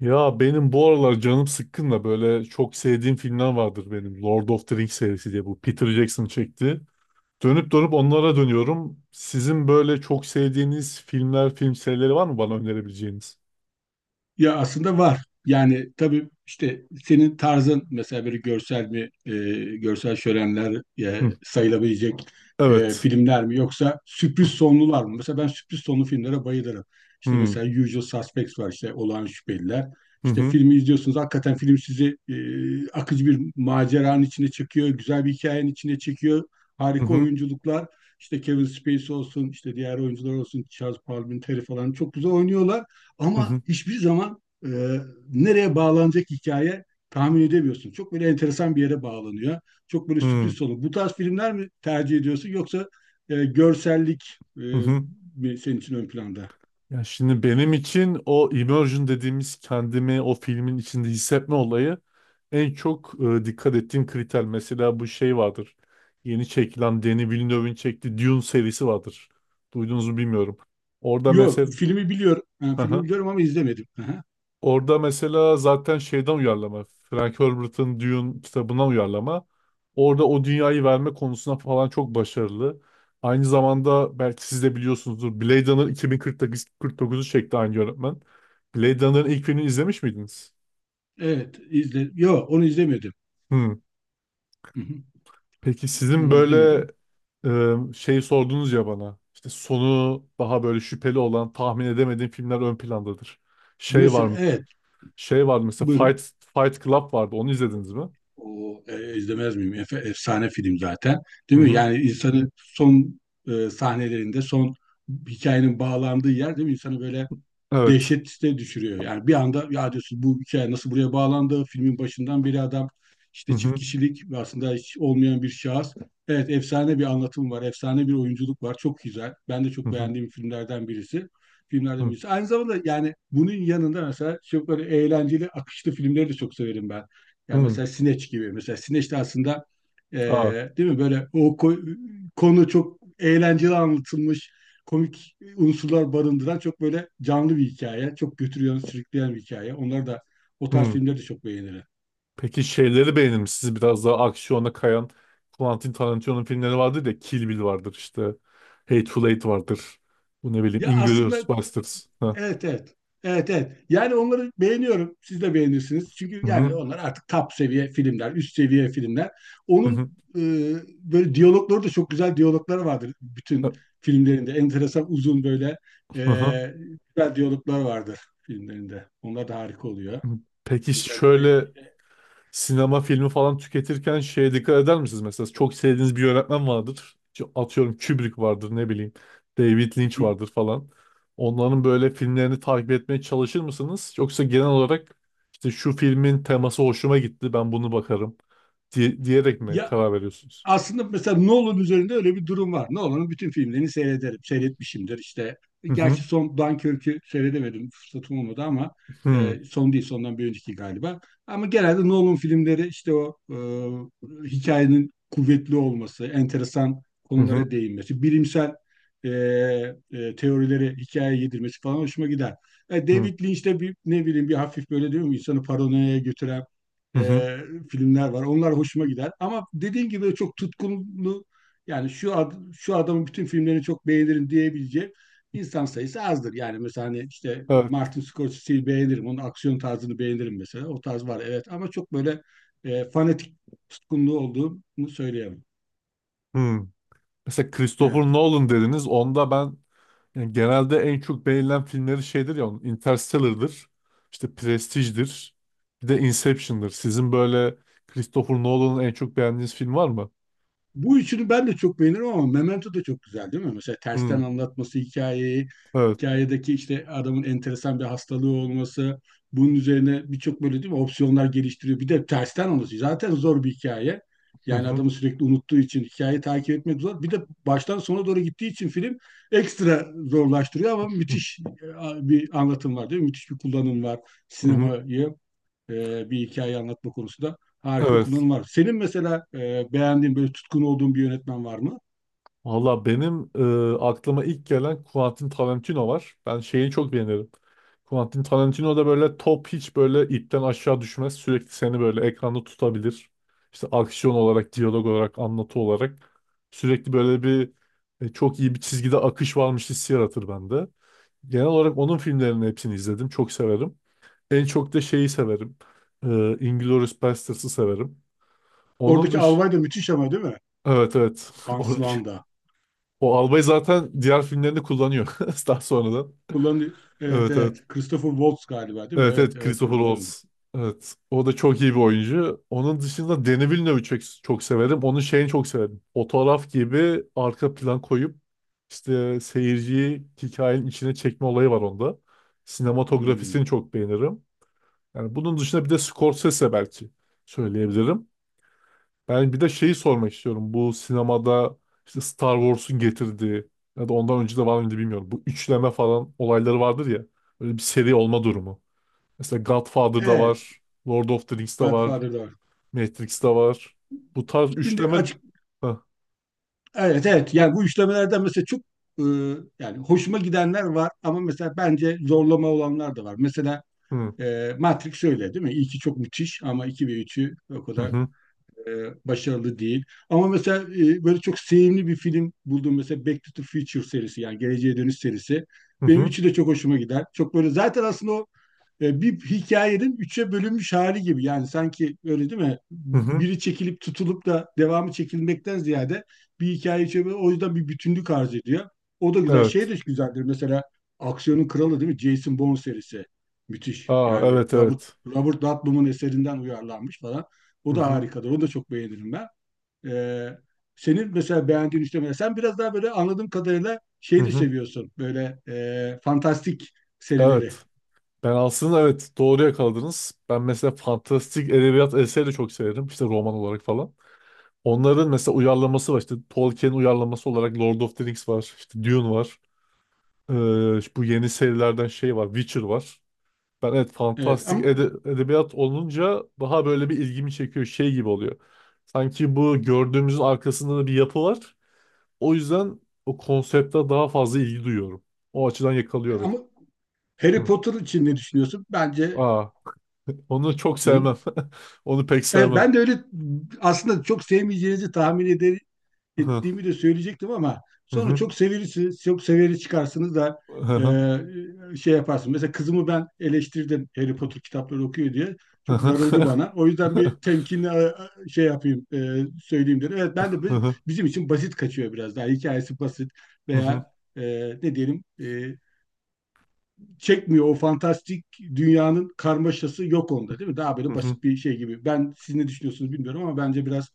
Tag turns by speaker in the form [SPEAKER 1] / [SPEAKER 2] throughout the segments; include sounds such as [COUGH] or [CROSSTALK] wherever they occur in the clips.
[SPEAKER 1] Ya benim bu aralar canım sıkkın da böyle çok sevdiğim filmler vardır benim. Lord of the Rings serisi diye bu Peter Jackson çekti. Dönüp dönüp onlara dönüyorum. Sizin böyle çok sevdiğiniz filmler, film serileri var mı bana önerebileceğiniz?
[SPEAKER 2] Ya aslında var. Yani tabii işte senin tarzın mesela böyle görsel mi, e, görsel şölenler
[SPEAKER 1] Hı,
[SPEAKER 2] sayılabilecek
[SPEAKER 1] evet.
[SPEAKER 2] filmler mi yoksa sürpriz
[SPEAKER 1] Hı,
[SPEAKER 2] sonlular mı? Mesela ben sürpriz sonlu filmlere bayılırım. İşte
[SPEAKER 1] hı,
[SPEAKER 2] mesela Usual Suspects var, işte Olağan Şüpheliler.
[SPEAKER 1] hı,
[SPEAKER 2] İşte
[SPEAKER 1] hı,
[SPEAKER 2] filmi izliyorsunuz, hakikaten film sizi akıcı bir maceranın içine çekiyor, güzel bir hikayenin içine çekiyor. Harika
[SPEAKER 1] hı,
[SPEAKER 2] oyunculuklar. İşte Kevin Spacey olsun, işte diğer oyuncular olsun, Charles Palminteri falan çok güzel oynuyorlar. Ama
[SPEAKER 1] hı,
[SPEAKER 2] hiçbir zaman nereye bağlanacak hikaye tahmin edemiyorsun. Çok böyle enteresan bir yere bağlanıyor. Çok böyle
[SPEAKER 1] hı,
[SPEAKER 2] sürpriz sonu. Bu tarz filmler mi tercih ediyorsun, yoksa görsellik
[SPEAKER 1] hı, hı.
[SPEAKER 2] mi senin için ön planda?
[SPEAKER 1] Ya şimdi benim için o immersion dediğimiz kendimi o filmin içinde hissetme olayı en çok dikkat ettiğim kriter. Mesela bu şey vardır. Yeni çekilen Denis Villeneuve'in çektiği Dune serisi vardır. Duydunuz mu bilmiyorum. Orada
[SPEAKER 2] Yok,
[SPEAKER 1] mesela
[SPEAKER 2] filmi biliyorum. Ha, filmi
[SPEAKER 1] [LAUGHS]
[SPEAKER 2] biliyorum ama izlemedim. Aha.
[SPEAKER 1] orada mesela zaten şeyden uyarlama. Frank Herbert'ın Dune kitabından uyarlama. Orada o dünyayı verme konusunda falan çok başarılı. Aynı zamanda belki siz de biliyorsunuzdur. Blade Runner 2049'u çekti aynı yönetmen. Blade Runner'ın ilk filmini izlemiş miydiniz?
[SPEAKER 2] Evet, izle. Yok, onu izlemedim.
[SPEAKER 1] Hmm.
[SPEAKER 2] Hı hı.
[SPEAKER 1] Peki sizin
[SPEAKER 2] Onu
[SPEAKER 1] böyle
[SPEAKER 2] izlemedim.
[SPEAKER 1] şey sordunuz ya bana. İşte sonu daha böyle şüpheli olan, tahmin edemediğim filmler ön plandadır. Şey var
[SPEAKER 2] Mesela
[SPEAKER 1] mı?
[SPEAKER 2] evet,
[SPEAKER 1] Şey var mı? Mesela
[SPEAKER 2] buyurun.
[SPEAKER 1] Fight Club vardı. Onu izlediniz mi?
[SPEAKER 2] İzlemez miyim? Efsane film zaten.
[SPEAKER 1] Hı
[SPEAKER 2] Değil mi?
[SPEAKER 1] hı.
[SPEAKER 2] Yani insanı son sahnelerinde, son hikayenin bağlandığı yer, değil mi? İnsanı böyle
[SPEAKER 1] Evet.
[SPEAKER 2] dehşete düşürüyor. Yani bir anda ya diyorsun, bu hikaye nasıl buraya bağlandı? Filmin başından beri adam
[SPEAKER 1] Hı
[SPEAKER 2] işte
[SPEAKER 1] hı.
[SPEAKER 2] çift kişilik ve aslında hiç olmayan bir şahıs. Evet, efsane bir anlatım var, efsane bir oyunculuk var. Çok güzel. Ben de
[SPEAKER 1] Hı
[SPEAKER 2] çok
[SPEAKER 1] hı.
[SPEAKER 2] beğendiğim filmlerden birisi. Filmlerden
[SPEAKER 1] Hı.
[SPEAKER 2] birisi. Aynı zamanda yani bunun yanında mesela çok böyle eğlenceli, akışlı filmleri de çok severim ben. Yani
[SPEAKER 1] Hı.
[SPEAKER 2] mesela Sineç gibi. Mesela Sineç de aslında e,
[SPEAKER 1] Aa.
[SPEAKER 2] değil mi böyle, konu çok eğlenceli anlatılmış, komik unsurlar barındıran çok böyle canlı bir hikaye. Çok götürüyor, sürükleyen bir hikaye. Onlar da, o tarz
[SPEAKER 1] Hı.
[SPEAKER 2] filmleri de çok beğenirim.
[SPEAKER 1] Peki şeyleri beğenir misiniz? Biraz daha aksiyona kayan Quentin Tarantino'nun filmleri vardır ya. Kill Bill vardır işte. Hateful Eight vardır. Bu ne bileyim.
[SPEAKER 2] Ya
[SPEAKER 1] Inglourious
[SPEAKER 2] aslında
[SPEAKER 1] Basterds. Ha.
[SPEAKER 2] evet, evet. Evet, evet. Yani onları beğeniyorum. Siz de beğenirsiniz. Çünkü
[SPEAKER 1] Hı
[SPEAKER 2] yani
[SPEAKER 1] hı.
[SPEAKER 2] onlar artık top seviye filmler, üst seviye filmler.
[SPEAKER 1] Hı
[SPEAKER 2] Onun
[SPEAKER 1] hı.
[SPEAKER 2] e, böyle diyalogları da, çok güzel diyalogları vardır bütün filmlerinde. Enteresan uzun böyle e,
[SPEAKER 1] Hı hı.
[SPEAKER 2] güzel diyaloglar vardır filmlerinde. Onlar da harika oluyor.
[SPEAKER 1] Peki
[SPEAKER 2] Özellikle.
[SPEAKER 1] şöyle sinema filmi falan tüketirken şeye dikkat eder misiniz? Mesela çok sevdiğiniz bir yönetmen vardır. İşte atıyorum Kubrick vardır ne bileyim. David
[SPEAKER 2] Hı
[SPEAKER 1] Lynch
[SPEAKER 2] hı.
[SPEAKER 1] vardır falan. Onların böyle filmlerini takip etmeye çalışır mısınız? Yoksa genel olarak işte şu filmin teması hoşuma gitti ben bunu bakarım diyerek mi
[SPEAKER 2] Ya
[SPEAKER 1] karar veriyorsunuz?
[SPEAKER 2] aslında mesela Nolan üzerinde öyle bir durum var. Nolan'ın bütün filmlerini seyrederim, seyretmişimdir. İşte
[SPEAKER 1] Hı
[SPEAKER 2] gerçi
[SPEAKER 1] hı.
[SPEAKER 2] son Dunkirk'ü seyredemedim, fırsatım olmadı ama
[SPEAKER 1] Hı hı.
[SPEAKER 2] son değil, sondan bir önceki galiba. Ama genelde Nolan filmleri, işte o hikayenin kuvvetli olması, enteresan
[SPEAKER 1] Hı
[SPEAKER 2] konulara değinmesi, bilimsel e, teorileri hikayeye yedirmesi falan hoşuma gider. E,
[SPEAKER 1] hı.
[SPEAKER 2] David Lynch'te bir ne bileyim bir hafif böyle, diyor mu, insanı paranoyaya götüren
[SPEAKER 1] Hı hı.
[SPEAKER 2] e, filmler var. Onlar hoşuma gider. Ama dediğin gibi çok tutkunlu, yani şu adamın bütün filmlerini çok beğenirim diyebileceğim insan sayısı azdır. Yani mesela hani işte
[SPEAKER 1] Evet.
[SPEAKER 2] Martin Scorsese'yi beğenirim. Onun aksiyon tarzını beğenirim mesela. O tarz var evet, ama çok böyle fanatik tutkunluğu olduğunu söyleyemem.
[SPEAKER 1] Hı. Mesela Christopher
[SPEAKER 2] Evet.
[SPEAKER 1] Nolan dediniz. Onda ben yani genelde en çok beğenilen filmleri şeydir ya onun Interstellar'dır. İşte Prestige'dir. Bir de Inception'dır. Sizin böyle Christopher Nolan'ın en çok beğendiğiniz film var mı?
[SPEAKER 2] Bu üçünü ben de çok beğenirim, ama Memento da çok güzel, değil mi? Mesela
[SPEAKER 1] Hmm,
[SPEAKER 2] tersten anlatması hikayeyi,
[SPEAKER 1] evet.
[SPEAKER 2] hikayedeki işte adamın enteresan bir hastalığı olması, bunun üzerine birçok böyle, değil mi, opsiyonlar geliştiriyor. Bir de tersten olması zaten zor bir hikaye.
[SPEAKER 1] Hı
[SPEAKER 2] Yani
[SPEAKER 1] hı.
[SPEAKER 2] adamı sürekli unuttuğu için hikayeyi takip etmek zor. Bir de baştan sona doğru gittiği için film ekstra zorlaştırıyor, ama müthiş bir anlatım var değil mi? Müthiş bir kullanım var,
[SPEAKER 1] Hı hı.
[SPEAKER 2] sinemayı bir hikaye anlatma konusunda harika
[SPEAKER 1] Evet.
[SPEAKER 2] kullanım var. Senin mesela beğendiğin böyle tutkun olduğun bir yönetmen var mı?
[SPEAKER 1] Valla benim aklıma ilk gelen Quentin Tarantino var. Ben şeyi çok beğenirim. Quentin Tarantino da böyle top hiç böyle ipten aşağı düşmez. Sürekli seni böyle ekranda tutabilir. İşte aksiyon olarak, diyalog olarak, anlatı olarak. Sürekli böyle bir çok iyi bir çizgide akış varmış hissi yaratır bende. Genel olarak onun filmlerinin hepsini izledim. Çok severim. En çok da şeyi severim. E, Inglourious Basterds'ı severim. Onun
[SPEAKER 2] Oradaki
[SPEAKER 1] dış...
[SPEAKER 2] albay da müthiş ama, değil mi?
[SPEAKER 1] Evet, evet. [LAUGHS]
[SPEAKER 2] Hans
[SPEAKER 1] Orada
[SPEAKER 2] Landa.
[SPEAKER 1] o albayı zaten diğer filmlerinde kullanıyor. [LAUGHS] Daha sonradan.
[SPEAKER 2] Kullanıyor. Evet,
[SPEAKER 1] Evet evet.
[SPEAKER 2] evet. Christopher Waltz galiba değil mi?
[SPEAKER 1] Evet
[SPEAKER 2] Evet,
[SPEAKER 1] evet
[SPEAKER 2] evet
[SPEAKER 1] Christopher
[SPEAKER 2] kullanıyordu.
[SPEAKER 1] Waltz. Evet. O da çok iyi bir oyuncu. Onun dışında Denis Villeneuve'ü çok, çok severim. Onun şeyini çok severim. Fotoğraf gibi arka plan koyup işte seyirciyi hikayenin içine çekme olayı var onda. Sinematografisini
[SPEAKER 2] Hmm.
[SPEAKER 1] çok beğenirim. Yani bunun dışında bir de Scorsese belki söyleyebilirim. Ben bir de şeyi sormak istiyorum. Bu sinemada işte Star Wars'un getirdiği ya da ondan önce de var mıydı bilmiyorum. Bu üçleme falan olayları vardır ya. Böyle bir seri olma durumu. Mesela Godfather'da
[SPEAKER 2] Evet.
[SPEAKER 1] var. Lord of the Rings'te var.
[SPEAKER 2] Godfather'da var.
[SPEAKER 1] Matrix'te var. Bu tarz
[SPEAKER 2] Şimdi
[SPEAKER 1] üçleme...
[SPEAKER 2] açık,
[SPEAKER 1] Heh,
[SPEAKER 2] evet evet, yani bu işlemelerden mesela çok e, yani hoşuma gidenler var, ama mesela bence zorlama olanlar da var. Mesela
[SPEAKER 1] hı
[SPEAKER 2] Matrix öyle değil mi? İlki çok müthiş, ama 2 ve üçü o kadar
[SPEAKER 1] hı
[SPEAKER 2] e, başarılı değil. Ama mesela böyle çok sevimli bir film buldum. Mesela Back to the Future serisi, yani Geleceğe Dönüş serisi.
[SPEAKER 1] hı hı
[SPEAKER 2] Benim
[SPEAKER 1] hı
[SPEAKER 2] üçü de çok hoşuma gider. Çok böyle, zaten aslında o bir hikayenin üçe bölünmüş hali gibi. Yani sanki öyle, değil mi?
[SPEAKER 1] hı, hı.
[SPEAKER 2] Biri çekilip tutulup da devamı çekilmekten ziyade bir hikaye üçe o yüzden bir bütünlük arz ediyor. O da güzel. Şey
[SPEAKER 1] Evet.
[SPEAKER 2] de güzeldir. Mesela aksiyonun kralı, değil mi? Jason Bourne serisi. Müthiş.
[SPEAKER 1] Aa
[SPEAKER 2] Yani
[SPEAKER 1] evet
[SPEAKER 2] Robert
[SPEAKER 1] evet.
[SPEAKER 2] Robert Ludlum'un eserinden uyarlanmış falan.
[SPEAKER 1] Hı
[SPEAKER 2] O da
[SPEAKER 1] hı
[SPEAKER 2] harikadır. Onu da çok beğenirim ben. Ee, Senin mesela beğendiğin üçlemeler. Sen biraz daha böyle, anladığım kadarıyla
[SPEAKER 1] hı
[SPEAKER 2] şey de
[SPEAKER 1] hı.
[SPEAKER 2] seviyorsun. Böyle fantastik serileri.
[SPEAKER 1] Evet. Ben aslında evet doğru yakaladınız. Ben mesela fantastik edebiyat eseri de çok severim. İşte roman olarak falan. Onların mesela uyarlaması var. İşte Tolkien uyarlaması olarak Lord of the Rings var. İşte Dune var. İşte bu yeni serilerden şey var. Witcher var. Ben evet
[SPEAKER 2] Evet
[SPEAKER 1] fantastik
[SPEAKER 2] ama,
[SPEAKER 1] edebiyat olunca daha böyle bir ilgimi çekiyor. Şey gibi oluyor. Sanki bu gördüğümüzün arkasında da bir yapı var. O yüzden o konsepte daha fazla ilgi duyuyorum. O açıdan yakalıyor beni.
[SPEAKER 2] ama Harry
[SPEAKER 1] Hı.
[SPEAKER 2] Potter için ne düşünüyorsun? Bence,
[SPEAKER 1] Aa, onu çok
[SPEAKER 2] hı?
[SPEAKER 1] sevmem. [LAUGHS] Onu pek
[SPEAKER 2] Evet,
[SPEAKER 1] sevmem.
[SPEAKER 2] ben de öyle aslında çok sevmeyeceğinizi tahmin
[SPEAKER 1] Hı hı.
[SPEAKER 2] ettiğimi de söyleyecektim, ama
[SPEAKER 1] Hı
[SPEAKER 2] sonra
[SPEAKER 1] hı.
[SPEAKER 2] çok severiz, çok severi çıkarsınız da
[SPEAKER 1] Hı hı.
[SPEAKER 2] şey yaparsın. Mesela kızımı ben eleştirdim Harry Potter kitapları okuyor diye.
[SPEAKER 1] Hı
[SPEAKER 2] Çok darıldı
[SPEAKER 1] hı.
[SPEAKER 2] bana. O yüzden bir temkinli şey yapayım, söyleyeyim dedim. Evet ben de
[SPEAKER 1] Hı hı.
[SPEAKER 2] bizim için basit kaçıyor biraz daha. Hikayesi basit
[SPEAKER 1] Hı hı.
[SPEAKER 2] veya e, ne diyelim, çekmiyor, o fantastik dünyanın karmaşası yok onda, değil mi? Daha böyle
[SPEAKER 1] Hı
[SPEAKER 2] basit bir şey gibi. Ben, siz ne düşünüyorsunuz bilmiyorum, ama bence biraz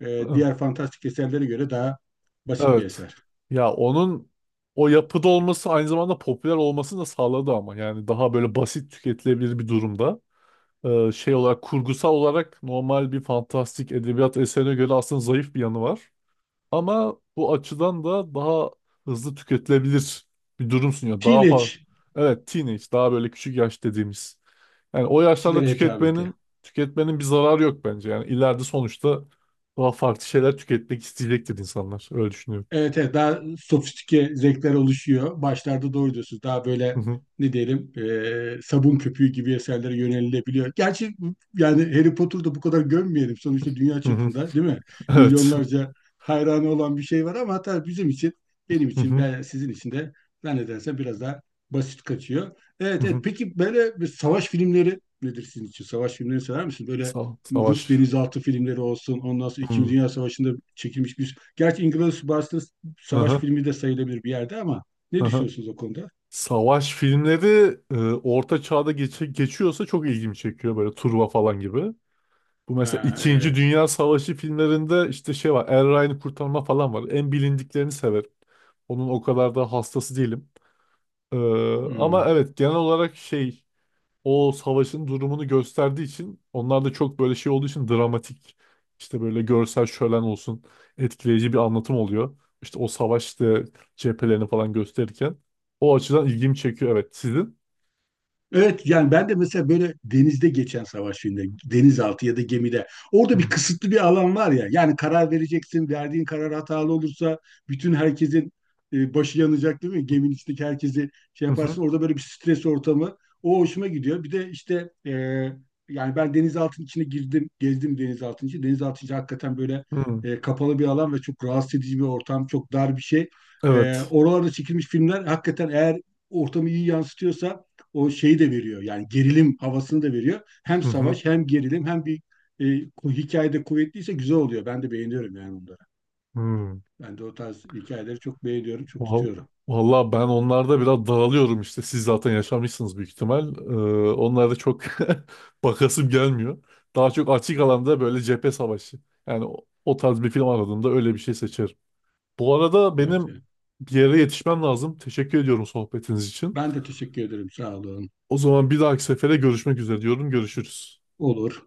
[SPEAKER 1] hı.
[SPEAKER 2] diğer fantastik eserlere göre daha basit bir
[SPEAKER 1] Evet.
[SPEAKER 2] eser.
[SPEAKER 1] Ya onun o yapıda olması aynı zamanda popüler olmasını da sağladı ama yani daha böyle basit tüketilebilir bir durumda. Şey olarak kurgusal olarak normal bir fantastik edebiyat eserine göre aslında zayıf bir yanı var. Ama bu açıdan da daha hızlı tüketilebilir bir durum sunuyor. Daha fazla
[SPEAKER 2] Teenage'çilere
[SPEAKER 1] evet teenage daha böyle küçük yaş dediğimiz. Yani o yaşlarda
[SPEAKER 2] hitabeti.
[SPEAKER 1] tüketmenin bir zararı yok bence. Yani ileride sonuçta daha farklı şeyler tüketmek isteyecektir insanlar. Öyle düşünüyorum.
[SPEAKER 2] Evet, evet, daha sofistike zevkler oluşuyor. Başlarda doğru diyorsunuz. Daha böyle
[SPEAKER 1] [LAUGHS]
[SPEAKER 2] ne diyelim, sabun köpüğü gibi eserlere yönelilebiliyor. Gerçi yani Harry Potter'da bu kadar gömmeyelim. Sonuçta dünya
[SPEAKER 1] Hı hı.
[SPEAKER 2] çapında, değil mi?
[SPEAKER 1] Evet.
[SPEAKER 2] Milyonlarca hayranı olan bir şey var, ama hatta bizim için, benim
[SPEAKER 1] Hı
[SPEAKER 2] için,
[SPEAKER 1] hı.
[SPEAKER 2] ben, sizin için de zannedersem biraz daha basit kaçıyor.
[SPEAKER 1] Hı
[SPEAKER 2] Evet, evet.
[SPEAKER 1] hı.
[SPEAKER 2] Peki böyle bir savaş filmleri nedir sizin için? Savaş filmlerini sever misiniz? Böyle Rus
[SPEAKER 1] Savaş.
[SPEAKER 2] denizaltı filmleri olsun. Ondan sonra İkinci
[SPEAKER 1] Hı.
[SPEAKER 2] Dünya Savaşı'nda çekilmiş bir... Gerçi Inglourious Basterds savaş
[SPEAKER 1] Aha.
[SPEAKER 2] filmi de sayılabilir bir yerde, ama ne
[SPEAKER 1] Aha.
[SPEAKER 2] düşünüyorsunuz o konuda?
[SPEAKER 1] Savaş filmleri Orta Çağ'da geçiyorsa çok ilgimi çekiyor böyle Turva falan gibi. Bu mesela
[SPEAKER 2] Ha,
[SPEAKER 1] İkinci
[SPEAKER 2] evet.
[SPEAKER 1] Dünya Savaşı filmlerinde işte şey var Er Ryan'ı kurtarma falan var. En bilindiklerini severim. Onun o kadar da hastası değilim. E, ama
[SPEAKER 2] Hmm.
[SPEAKER 1] evet genel olarak şey o savaşın durumunu gösterdiği için onlar da çok böyle şey olduğu için dramatik işte böyle görsel şölen olsun etkileyici bir anlatım oluyor. İşte o savaşta cephelerini falan gösterirken o açıdan ilgimi çekiyor evet sizin.
[SPEAKER 2] Evet, yani ben de mesela böyle denizde geçen savaş filminde, denizaltı ya da gemide, orada bir
[SPEAKER 1] Hmm.
[SPEAKER 2] kısıtlı bir alan var ya. Yani karar vereceksin, verdiğin karar hatalı olursa bütün herkesin başı yanacak, değil mi? Geminin içindeki herkesi şey
[SPEAKER 1] Hı hı.
[SPEAKER 2] yaparsın. Orada böyle bir stres ortamı. O hoşuma gidiyor. Bir de işte yani ben denizaltının içine girdim, gezdim denizaltının içi. Denizaltı içi hakikaten böyle
[SPEAKER 1] Hı.
[SPEAKER 2] kapalı bir alan ve çok rahatsız edici bir ortam, çok dar bir şey. E,
[SPEAKER 1] Evet.
[SPEAKER 2] oralarda çekilmiş filmler hakikaten, eğer ortamı iyi yansıtıyorsa, o şeyi de veriyor. Yani gerilim havasını da veriyor. Hem
[SPEAKER 1] Hı hı.
[SPEAKER 2] savaş hem gerilim hem bir e, hikayede kuvvetliyse güzel oluyor. Ben de beğeniyorum yani onları.
[SPEAKER 1] Hı.
[SPEAKER 2] Ben de o tarz hikayeleri çok beğeniyorum, çok
[SPEAKER 1] Val-
[SPEAKER 2] tutuyorum.
[SPEAKER 1] Vallahi ben onlarda biraz dağılıyorum işte. Siz zaten yaşamışsınız büyük ihtimal. Onlarda çok [LAUGHS] bakasım gelmiyor. Daha çok açık alanda böyle cephe savaşı. Yani o tarz bir film aradığımda öyle bir şey seçerim. Bu arada
[SPEAKER 2] Evet,
[SPEAKER 1] benim
[SPEAKER 2] evet.
[SPEAKER 1] bir yere yetişmem lazım. Teşekkür ediyorum sohbetiniz için.
[SPEAKER 2] Ben de teşekkür ederim. Sağ olun.
[SPEAKER 1] O zaman bir dahaki sefere görüşmek üzere diyorum. Görüşürüz.
[SPEAKER 2] Olur.